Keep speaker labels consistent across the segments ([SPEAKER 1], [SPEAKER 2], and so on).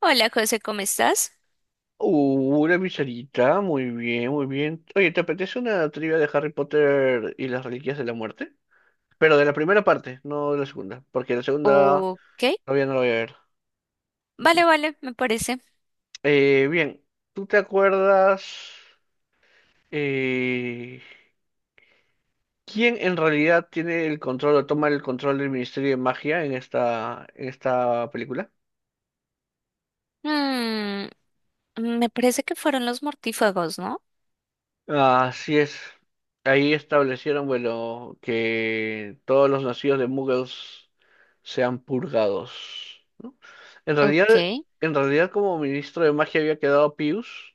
[SPEAKER 1] Hola, José, ¿cómo estás?
[SPEAKER 2] Una pizarita, muy bien, muy bien. Oye, ¿te apetece una trivia de Harry Potter y las Reliquias de la Muerte? Pero de la primera parte, no de la segunda, porque la segunda
[SPEAKER 1] Ok,
[SPEAKER 2] todavía no la voy a ver.
[SPEAKER 1] vale, me parece.
[SPEAKER 2] Bien, ¿tú te acuerdas eh, quién en realidad tiene el control o toma el control del Ministerio de Magia en esta película?
[SPEAKER 1] Mm, Me parece que fueron los mortífagos, ¿no?
[SPEAKER 2] Así es. Ahí establecieron, bueno, que todos los nacidos de Muggles sean purgados, ¿no? En realidad,
[SPEAKER 1] Ok,
[SPEAKER 2] en realidad como ministro de magia había quedado Pius,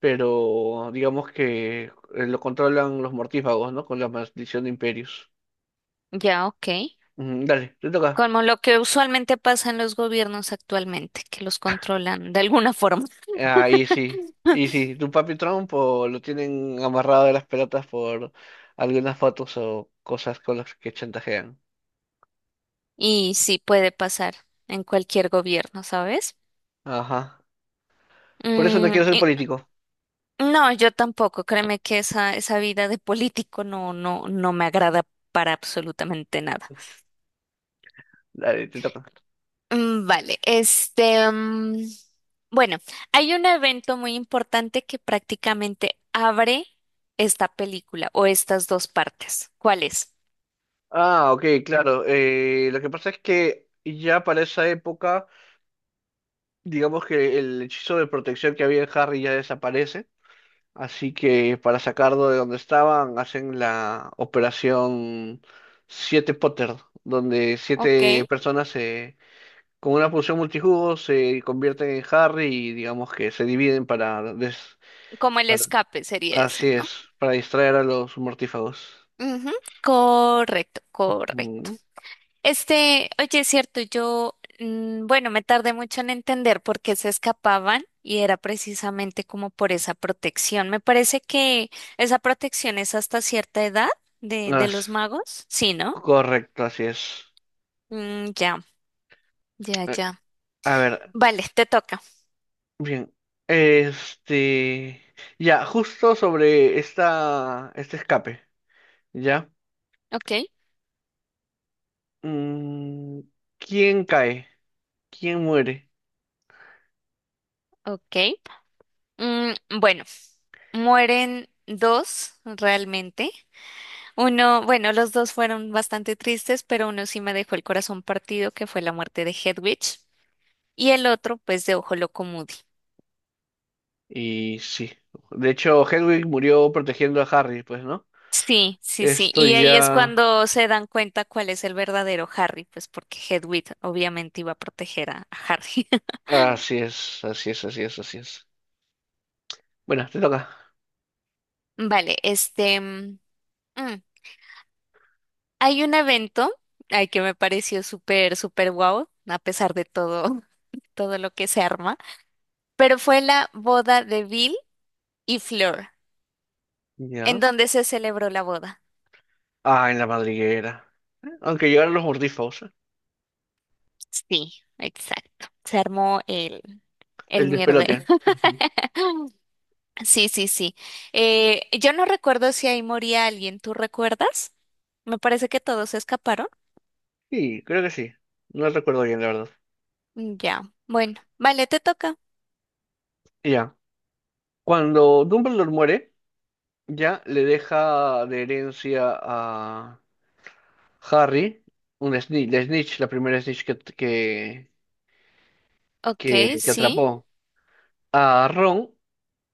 [SPEAKER 2] pero digamos que lo controlan los mortífagos, ¿no? Con la maldición de Imperius.
[SPEAKER 1] ya, ok.
[SPEAKER 2] Ujú, dale, te toca.
[SPEAKER 1] Como lo que usualmente pasa en los gobiernos actualmente, que los controlan de alguna forma.
[SPEAKER 2] Ahí sí. Y sí, tu papi Trump o lo tienen amarrado de las pelotas por algunas fotos o cosas con las que chantajean.
[SPEAKER 1] Y sí puede pasar en cualquier gobierno, ¿sabes?
[SPEAKER 2] Ajá. Por eso no
[SPEAKER 1] Mm,
[SPEAKER 2] quiero ser
[SPEAKER 1] y-
[SPEAKER 2] político.
[SPEAKER 1] no, yo tampoco. Créeme que esa vida de político no me agrada para absolutamente nada.
[SPEAKER 2] Dale, te toca.
[SPEAKER 1] Vale, bueno, hay un evento muy importante que prácticamente abre esta película o estas dos partes. ¿Cuál es?
[SPEAKER 2] Ah, ok, claro. Lo que pasa es que ya para esa época, digamos que el hechizo de protección que había en Harry ya desaparece. Así que para sacarlo de donde estaban, hacen la operación Siete Potter, donde
[SPEAKER 1] Ok.
[SPEAKER 2] siete personas se, con una poción multijugo se convierten en Harry y digamos que se dividen para,
[SPEAKER 1] Como el
[SPEAKER 2] para-
[SPEAKER 1] escape sería
[SPEAKER 2] así
[SPEAKER 1] ese, ¿no?
[SPEAKER 2] es, para distraer a los mortífagos.
[SPEAKER 1] Ujú. Correcto, correcto.
[SPEAKER 2] Mm.
[SPEAKER 1] Este, oye, es cierto, yo, bueno, me tardé mucho en entender por qué se escapaban y era precisamente como por esa protección. Me parece que esa protección es hasta cierta edad de
[SPEAKER 2] As-
[SPEAKER 1] los magos, ¿sí, no?
[SPEAKER 2] Correcto, así es.
[SPEAKER 1] Ya, ya,
[SPEAKER 2] Eh,
[SPEAKER 1] ya.
[SPEAKER 2] A ver,
[SPEAKER 1] Vale, te toca.
[SPEAKER 2] bien. Este, ya, justo sobre esta, este escape, ¿ya?
[SPEAKER 1] Ok,
[SPEAKER 2] Mm, ¿quién cae? ¿Quién muere?
[SPEAKER 1] ok. Mm, bueno, mueren dos realmente. Uno, bueno, los dos fueron bastante tristes, pero uno sí me dejó el corazón partido, que fue la muerte de Hedwig. Y el otro, pues, de Ojo Loco Moody.
[SPEAKER 2] Y sí. De hecho, Hedwig murió protegiendo a Harry, pues, ¿no?
[SPEAKER 1] Sí, sí, sí.
[SPEAKER 2] Esto
[SPEAKER 1] Y ahí es
[SPEAKER 2] ya...
[SPEAKER 1] cuando se dan cuenta cuál es el verdadero Harry, pues porque Hedwig obviamente iba a proteger a Harry.
[SPEAKER 2] Así es, así es, así es, así es. Bueno, te toca.
[SPEAKER 1] Vale, mm, hay un evento, ay, que me pareció súper, súper guau, a pesar de todo, todo lo que se arma, pero fue la boda de Bill y Fleur,
[SPEAKER 2] Ya.
[SPEAKER 1] en donde se celebró la boda.
[SPEAKER 2] Ah, en la madriguera. Aunque llegaron los mordiscos,
[SPEAKER 1] Sí, exacto. Se armó el
[SPEAKER 2] el
[SPEAKER 1] mierdero.
[SPEAKER 2] despelote. Ujú.
[SPEAKER 1] Sí, sí, sí. Yo no recuerdo si ahí moría alguien, ¿tú recuerdas? Me parece que todos se escaparon.
[SPEAKER 2] Sí, creo que sí. No recuerdo bien, la verdad.
[SPEAKER 1] Ya, bueno, vale, te toca.
[SPEAKER 2] Ya, cuando Dumbledore muere, ya le deja de herencia a Harry un Snitch, la primera Snitch que, que,
[SPEAKER 1] Ok,
[SPEAKER 2] que, que
[SPEAKER 1] sí,
[SPEAKER 2] atrapó. A Ron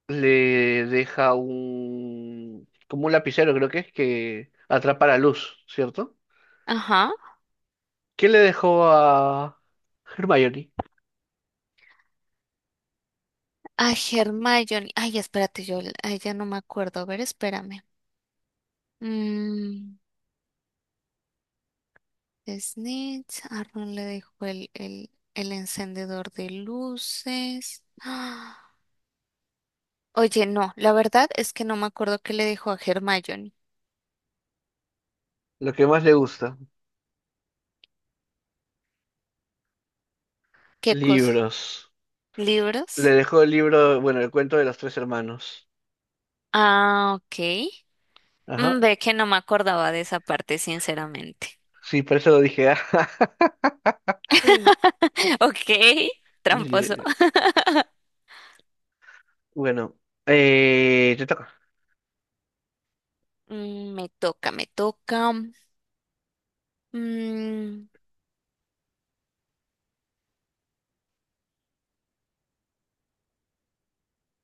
[SPEAKER 2] le deja un, como un lapicero, creo que es, que atrapa la luz, ¿cierto?
[SPEAKER 1] ajá.
[SPEAKER 2] ¿Qué le dejó a Hermione?
[SPEAKER 1] A Hermione. Ay, espérate, ya no me acuerdo. A ver, espérame. Mm, Snitch. A Ron le dejó el encendedor de luces. ¡Ah! Oye, no, la verdad es que no me acuerdo qué le dejó a Hermione.
[SPEAKER 2] Lo que más le gusta,
[SPEAKER 1] ¿Qué cosa?
[SPEAKER 2] libros. Le
[SPEAKER 1] ¿Libros?
[SPEAKER 2] dejó el libro, bueno, el cuento de los tres hermanos.
[SPEAKER 1] Ah, ok.
[SPEAKER 2] Ajá,
[SPEAKER 1] Ve que no me acordaba de esa parte, sinceramente.
[SPEAKER 2] sí, por eso lo dije.
[SPEAKER 1] Ok, tramposo.
[SPEAKER 2] Ye- Bueno, te toca.
[SPEAKER 1] Mm, me toca, me toca. Mm,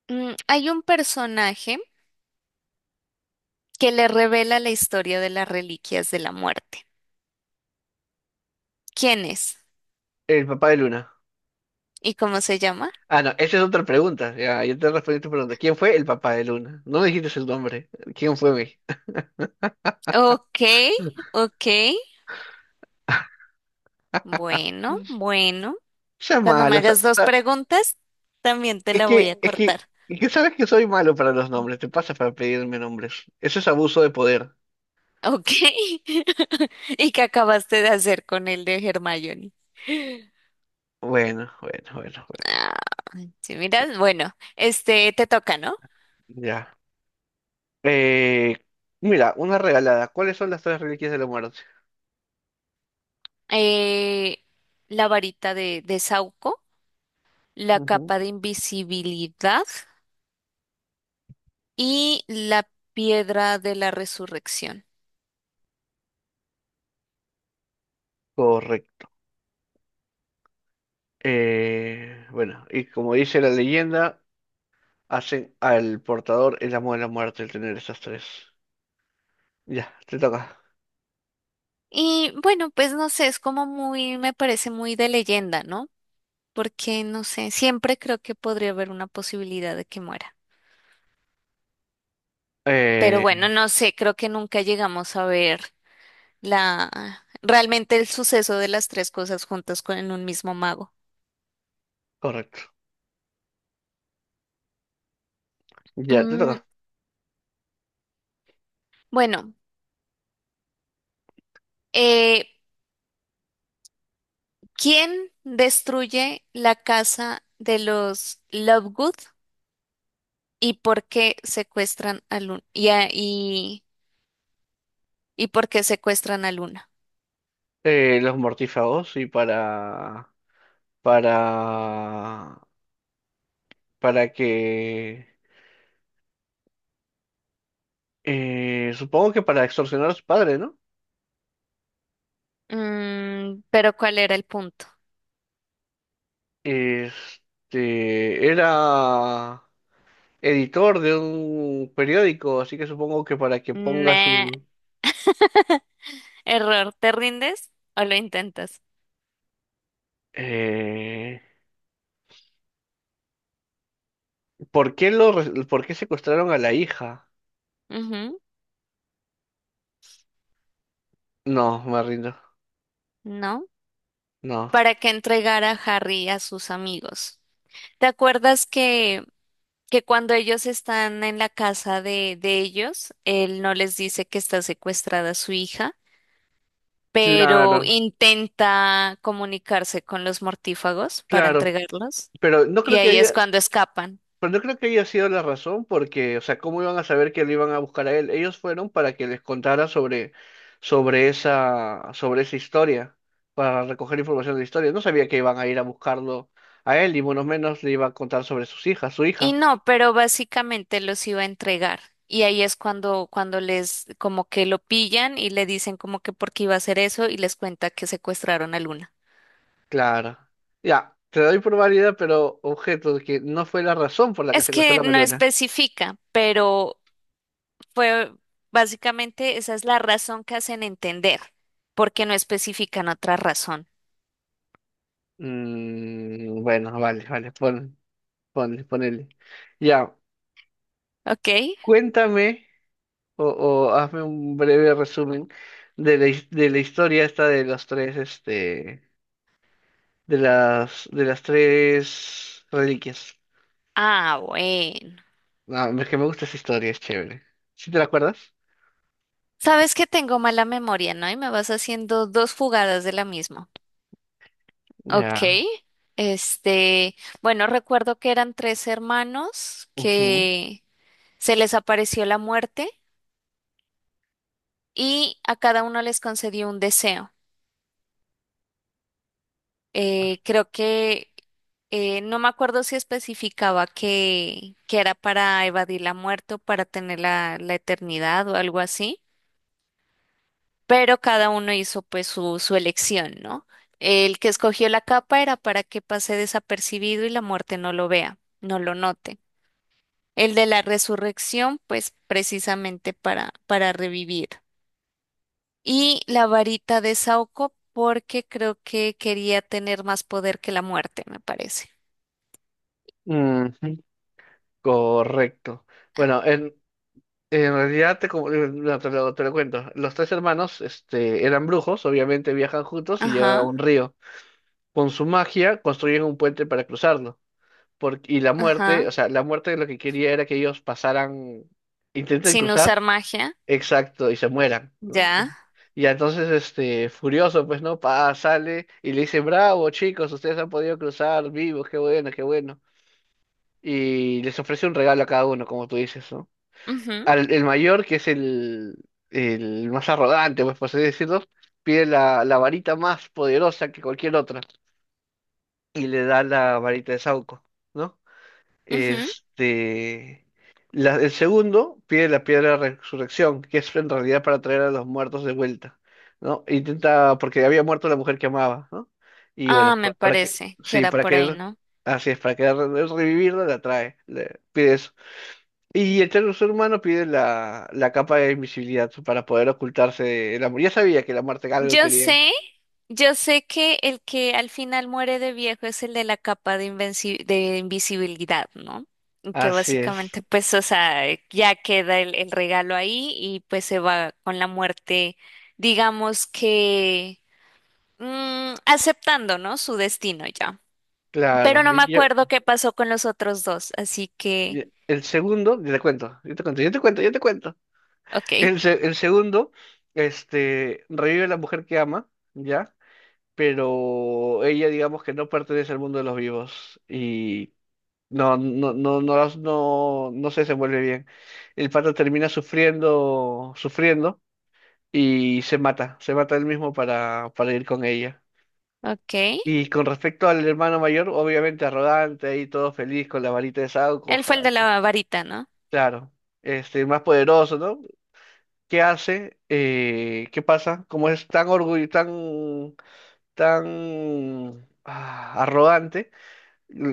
[SPEAKER 1] Hay un personaje que le revela la historia de las reliquias de la muerte. ¿Quién es?
[SPEAKER 2] El papá de Luna.
[SPEAKER 1] ¿Y cómo se llama?
[SPEAKER 2] Ah, no, esa es otra pregunta. Ya, yo te respondí tu pregunta. ¿Quién fue el papá de Luna? No me dijiste el nombre. ¿Quién fue mi?
[SPEAKER 1] Ok, ok. Bueno, bueno.
[SPEAKER 2] Sea
[SPEAKER 1] Cuando me
[SPEAKER 2] malo. O sea,
[SPEAKER 1] hagas
[SPEAKER 2] o
[SPEAKER 1] dos
[SPEAKER 2] sea,
[SPEAKER 1] preguntas, también te
[SPEAKER 2] es
[SPEAKER 1] la voy
[SPEAKER 2] que,
[SPEAKER 1] a
[SPEAKER 2] es que,
[SPEAKER 1] cortar.
[SPEAKER 2] es que sabes que soy malo para los nombres. Te pasa para pedirme nombres. Eso es abuso de poder.
[SPEAKER 1] Ok. ¿Y qué acabaste de hacer con el de Hermione?
[SPEAKER 2] Bueno, bueno, bueno, bueno.
[SPEAKER 1] Ah, sí, miras, bueno, este te toca, ¿no?
[SPEAKER 2] Ya. Eh, Mira, una regalada. ¿Cuáles son las tres reliquias de la muerte?
[SPEAKER 1] Eh, la varita de Sauco, la
[SPEAKER 2] Ujú.
[SPEAKER 1] capa de invisibilidad y la piedra de la resurrección.
[SPEAKER 2] Correcto. Bueno, y como dice la leyenda. Hacen al portador el amo de la muerte el tener esas tres. Ya, te toca.
[SPEAKER 1] Y bueno, pues no sé, es como muy, me parece muy de leyenda, ¿no? Porque no sé, siempre creo que podría haber una posibilidad de que muera. Pero
[SPEAKER 2] Eh,
[SPEAKER 1] bueno, no sé, creo que nunca llegamos a ver la realmente el suceso de las tres cosas juntas con en un mismo mago.
[SPEAKER 2] Correcto. Ya, te
[SPEAKER 1] Mm,
[SPEAKER 2] toca.
[SPEAKER 1] bueno, eh, ¿Quién destruye la casa de los Lovegood y por qué secuestran al un- y, a- y y por qué secuestran a Luna?
[SPEAKER 2] Los mortífagos y para... Para... Para que... supongo que para extorsionar a su padre, ¿no?
[SPEAKER 1] Pero ¿cuál era el punto?
[SPEAKER 2] Este... Era editor de un periódico, así que supongo que para que ponga
[SPEAKER 1] Nah,
[SPEAKER 2] su...
[SPEAKER 1] error, ¿te rindes o lo intentas?
[SPEAKER 2] Eh, ¿Por qué lo, por qué secuestraron a la hija?
[SPEAKER 1] Ujú.
[SPEAKER 2] No, me rindo.
[SPEAKER 1] ¿No?
[SPEAKER 2] No.
[SPEAKER 1] Para que entregara a Harry a sus amigos. ¿Te acuerdas que cuando ellos están en la casa de ellos, él no les dice que está secuestrada su hija, pero
[SPEAKER 2] Claro,
[SPEAKER 1] intenta comunicarse con los mortífagos para
[SPEAKER 2] claro,
[SPEAKER 1] entregarlos?
[SPEAKER 2] pero no
[SPEAKER 1] Y
[SPEAKER 2] creo que
[SPEAKER 1] ahí es
[SPEAKER 2] haya,
[SPEAKER 1] cuando escapan.
[SPEAKER 2] pero no creo que haya sido la razón, porque, o sea, ¿cómo iban a saber que lo iban a buscar a él? Ellos fueron para que les contara sobre, sobre esa historia, para recoger información de la historia. No sabía que iban a ir a buscarlo a él, y menos le iba a contar sobre sus hijas, su
[SPEAKER 1] Y
[SPEAKER 2] hija.
[SPEAKER 1] no, pero básicamente los iba a entregar. Y ahí es cuando, cuando les como que lo pillan y le dicen como que por qué iba a hacer eso y les cuenta que secuestraron a Luna.
[SPEAKER 2] Claro. Ya, te doy por válida, pero objeto de que no fue la razón por la que
[SPEAKER 1] Es
[SPEAKER 2] secuestró
[SPEAKER 1] que
[SPEAKER 2] a la
[SPEAKER 1] no
[SPEAKER 2] Luna.
[SPEAKER 1] especifica, pero fue básicamente esa es la razón que hacen entender, porque no especifican otra razón.
[SPEAKER 2] Mm, bueno, vale, vale, ponle, ponele. Ya,
[SPEAKER 1] ¿Ok?
[SPEAKER 2] cuéntame. O, o hazme un breve resumen de la, de la historia esta de los tres, este, de las tres reliquias.
[SPEAKER 1] Ah, bueno.
[SPEAKER 2] Ah, es que me gusta esa historia, es chévere. ¿Sí te la acuerdas?
[SPEAKER 1] Sabes que tengo mala memoria, ¿no? Y me vas haciendo dos fugadas de la misma. Ok,
[SPEAKER 2] Ya.
[SPEAKER 1] este, bueno, recuerdo que eran tres hermanos
[SPEAKER 2] Ujú,
[SPEAKER 1] que se les apareció la muerte y a cada uno les concedió un deseo. Creo que no me acuerdo si especificaba que era para evadir la muerte o para tener la eternidad o algo así, pero cada uno hizo pues su elección, ¿no? El que escogió la capa era para que pase desapercibido y la muerte no lo vea, no lo note. El de la resurrección, pues precisamente para revivir. Y la varita de Saoko, porque creo que quería tener más poder que la muerte, me parece.
[SPEAKER 2] ujú, correcto. Bueno, en realidad te, como- no, te lo cuento. Los tres hermanos, este, eran brujos, obviamente viajan juntos y llegan a
[SPEAKER 1] Ajá,
[SPEAKER 2] un río. Con su magia construyen un puente para cruzarlo. Porque, y la muerte,
[SPEAKER 1] ajá.
[SPEAKER 2] o sea, la muerte lo que quería era que ellos pasaran, intenten
[SPEAKER 1] Sin
[SPEAKER 2] cruzar,
[SPEAKER 1] usar magia,
[SPEAKER 2] exacto, y se mueran, ¿no?
[SPEAKER 1] ya.
[SPEAKER 2] Y entonces, este, furioso, pues, ¿no? Pa, sale y le dice, bravo, chicos, ustedes han podido cruzar vivos, qué bueno, qué bueno. Y les ofrece un regalo a cada uno, como tú dices, ¿no?
[SPEAKER 1] Ujú,
[SPEAKER 2] Al, el mayor, que es el más arrogante, pues, por así decirlo, pide la, la varita más poderosa que cualquier otra y le da la varita de Sauco, ¿no?
[SPEAKER 1] ujú.
[SPEAKER 2] Este, el segundo pide la piedra de resurrección, que es en realidad para traer a los muertos de vuelta, ¿no? Intenta, porque había muerto la mujer que amaba, ¿no? Y bueno,
[SPEAKER 1] Ah, me
[SPEAKER 2] para que,
[SPEAKER 1] parece que
[SPEAKER 2] sí,
[SPEAKER 1] era
[SPEAKER 2] para
[SPEAKER 1] por ahí,
[SPEAKER 2] que,
[SPEAKER 1] ¿no?
[SPEAKER 2] así es, para que revivirla la trae, le pide eso. Y el tercer humano pide la, la capa de invisibilidad para poder ocultarse del amor. Ya sabía que la muerte algo
[SPEAKER 1] Yo
[SPEAKER 2] quería.
[SPEAKER 1] sé, yo sé que el que al final muere de viejo es el de la capa de de invisibilidad, ¿no? Y que
[SPEAKER 2] Así es,
[SPEAKER 1] básicamente, pues, o sea, ya queda el regalo ahí y pues se va con la muerte, digamos que aceptando, ¿no? Su destino ya. Pero
[SPEAKER 2] claro.
[SPEAKER 1] no me acuerdo qué pasó con los otros dos, así que
[SPEAKER 2] Y el segundo, yo te cuento, yo te cuento, yo te cuento, yo te cuento.
[SPEAKER 1] ok,
[SPEAKER 2] El, el segundo, este, revive a la mujer que ama, ¿ya? Pero ella, digamos que no pertenece al mundo de los vivos y no, no se desenvuelve bien. El pato termina sufriendo, sufriendo y se mata él mismo para ir con ella.
[SPEAKER 1] ok.
[SPEAKER 2] Y con respecto al hermano mayor, obviamente arrogante, ahí todo feliz con la varita de Sauco,
[SPEAKER 1] Él
[SPEAKER 2] ja-
[SPEAKER 1] fue el de la varita, ¿no?
[SPEAKER 2] claro, este, más poderoso, ¿no? Qué hace, qué pasa, como es tan orgullo, tan, arrogante,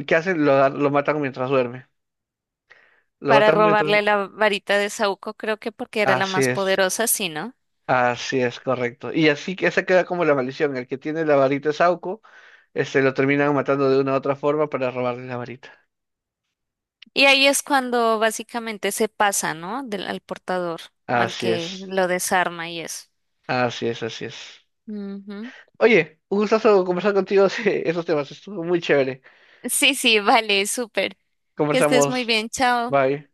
[SPEAKER 2] ¿qué hacen? Lo matan mientras duerme. Lo
[SPEAKER 1] Para
[SPEAKER 2] matan mientras...
[SPEAKER 1] robarle la varita de Saúco, creo que porque era la
[SPEAKER 2] Así
[SPEAKER 1] más
[SPEAKER 2] es,
[SPEAKER 1] poderosa, sí, ¿no?
[SPEAKER 2] así es, correcto. Y así que esa queda como la maldición. El que tiene la varita de Sauco, este, lo terminan matando de una u otra forma para robarle la varita.
[SPEAKER 1] Y ahí es cuando básicamente se pasa, ¿no? Del, al portador, al
[SPEAKER 2] Así
[SPEAKER 1] que
[SPEAKER 2] es,
[SPEAKER 1] lo desarma y eso.
[SPEAKER 2] así es, así es.
[SPEAKER 1] Ujú.
[SPEAKER 2] Oye, un gustazo conversar contigo de esos temas. Estuvo muy chévere.
[SPEAKER 1] Sí, sí, vale, súper. Que estés muy
[SPEAKER 2] Conversamos.
[SPEAKER 1] bien, chao.
[SPEAKER 2] Bye.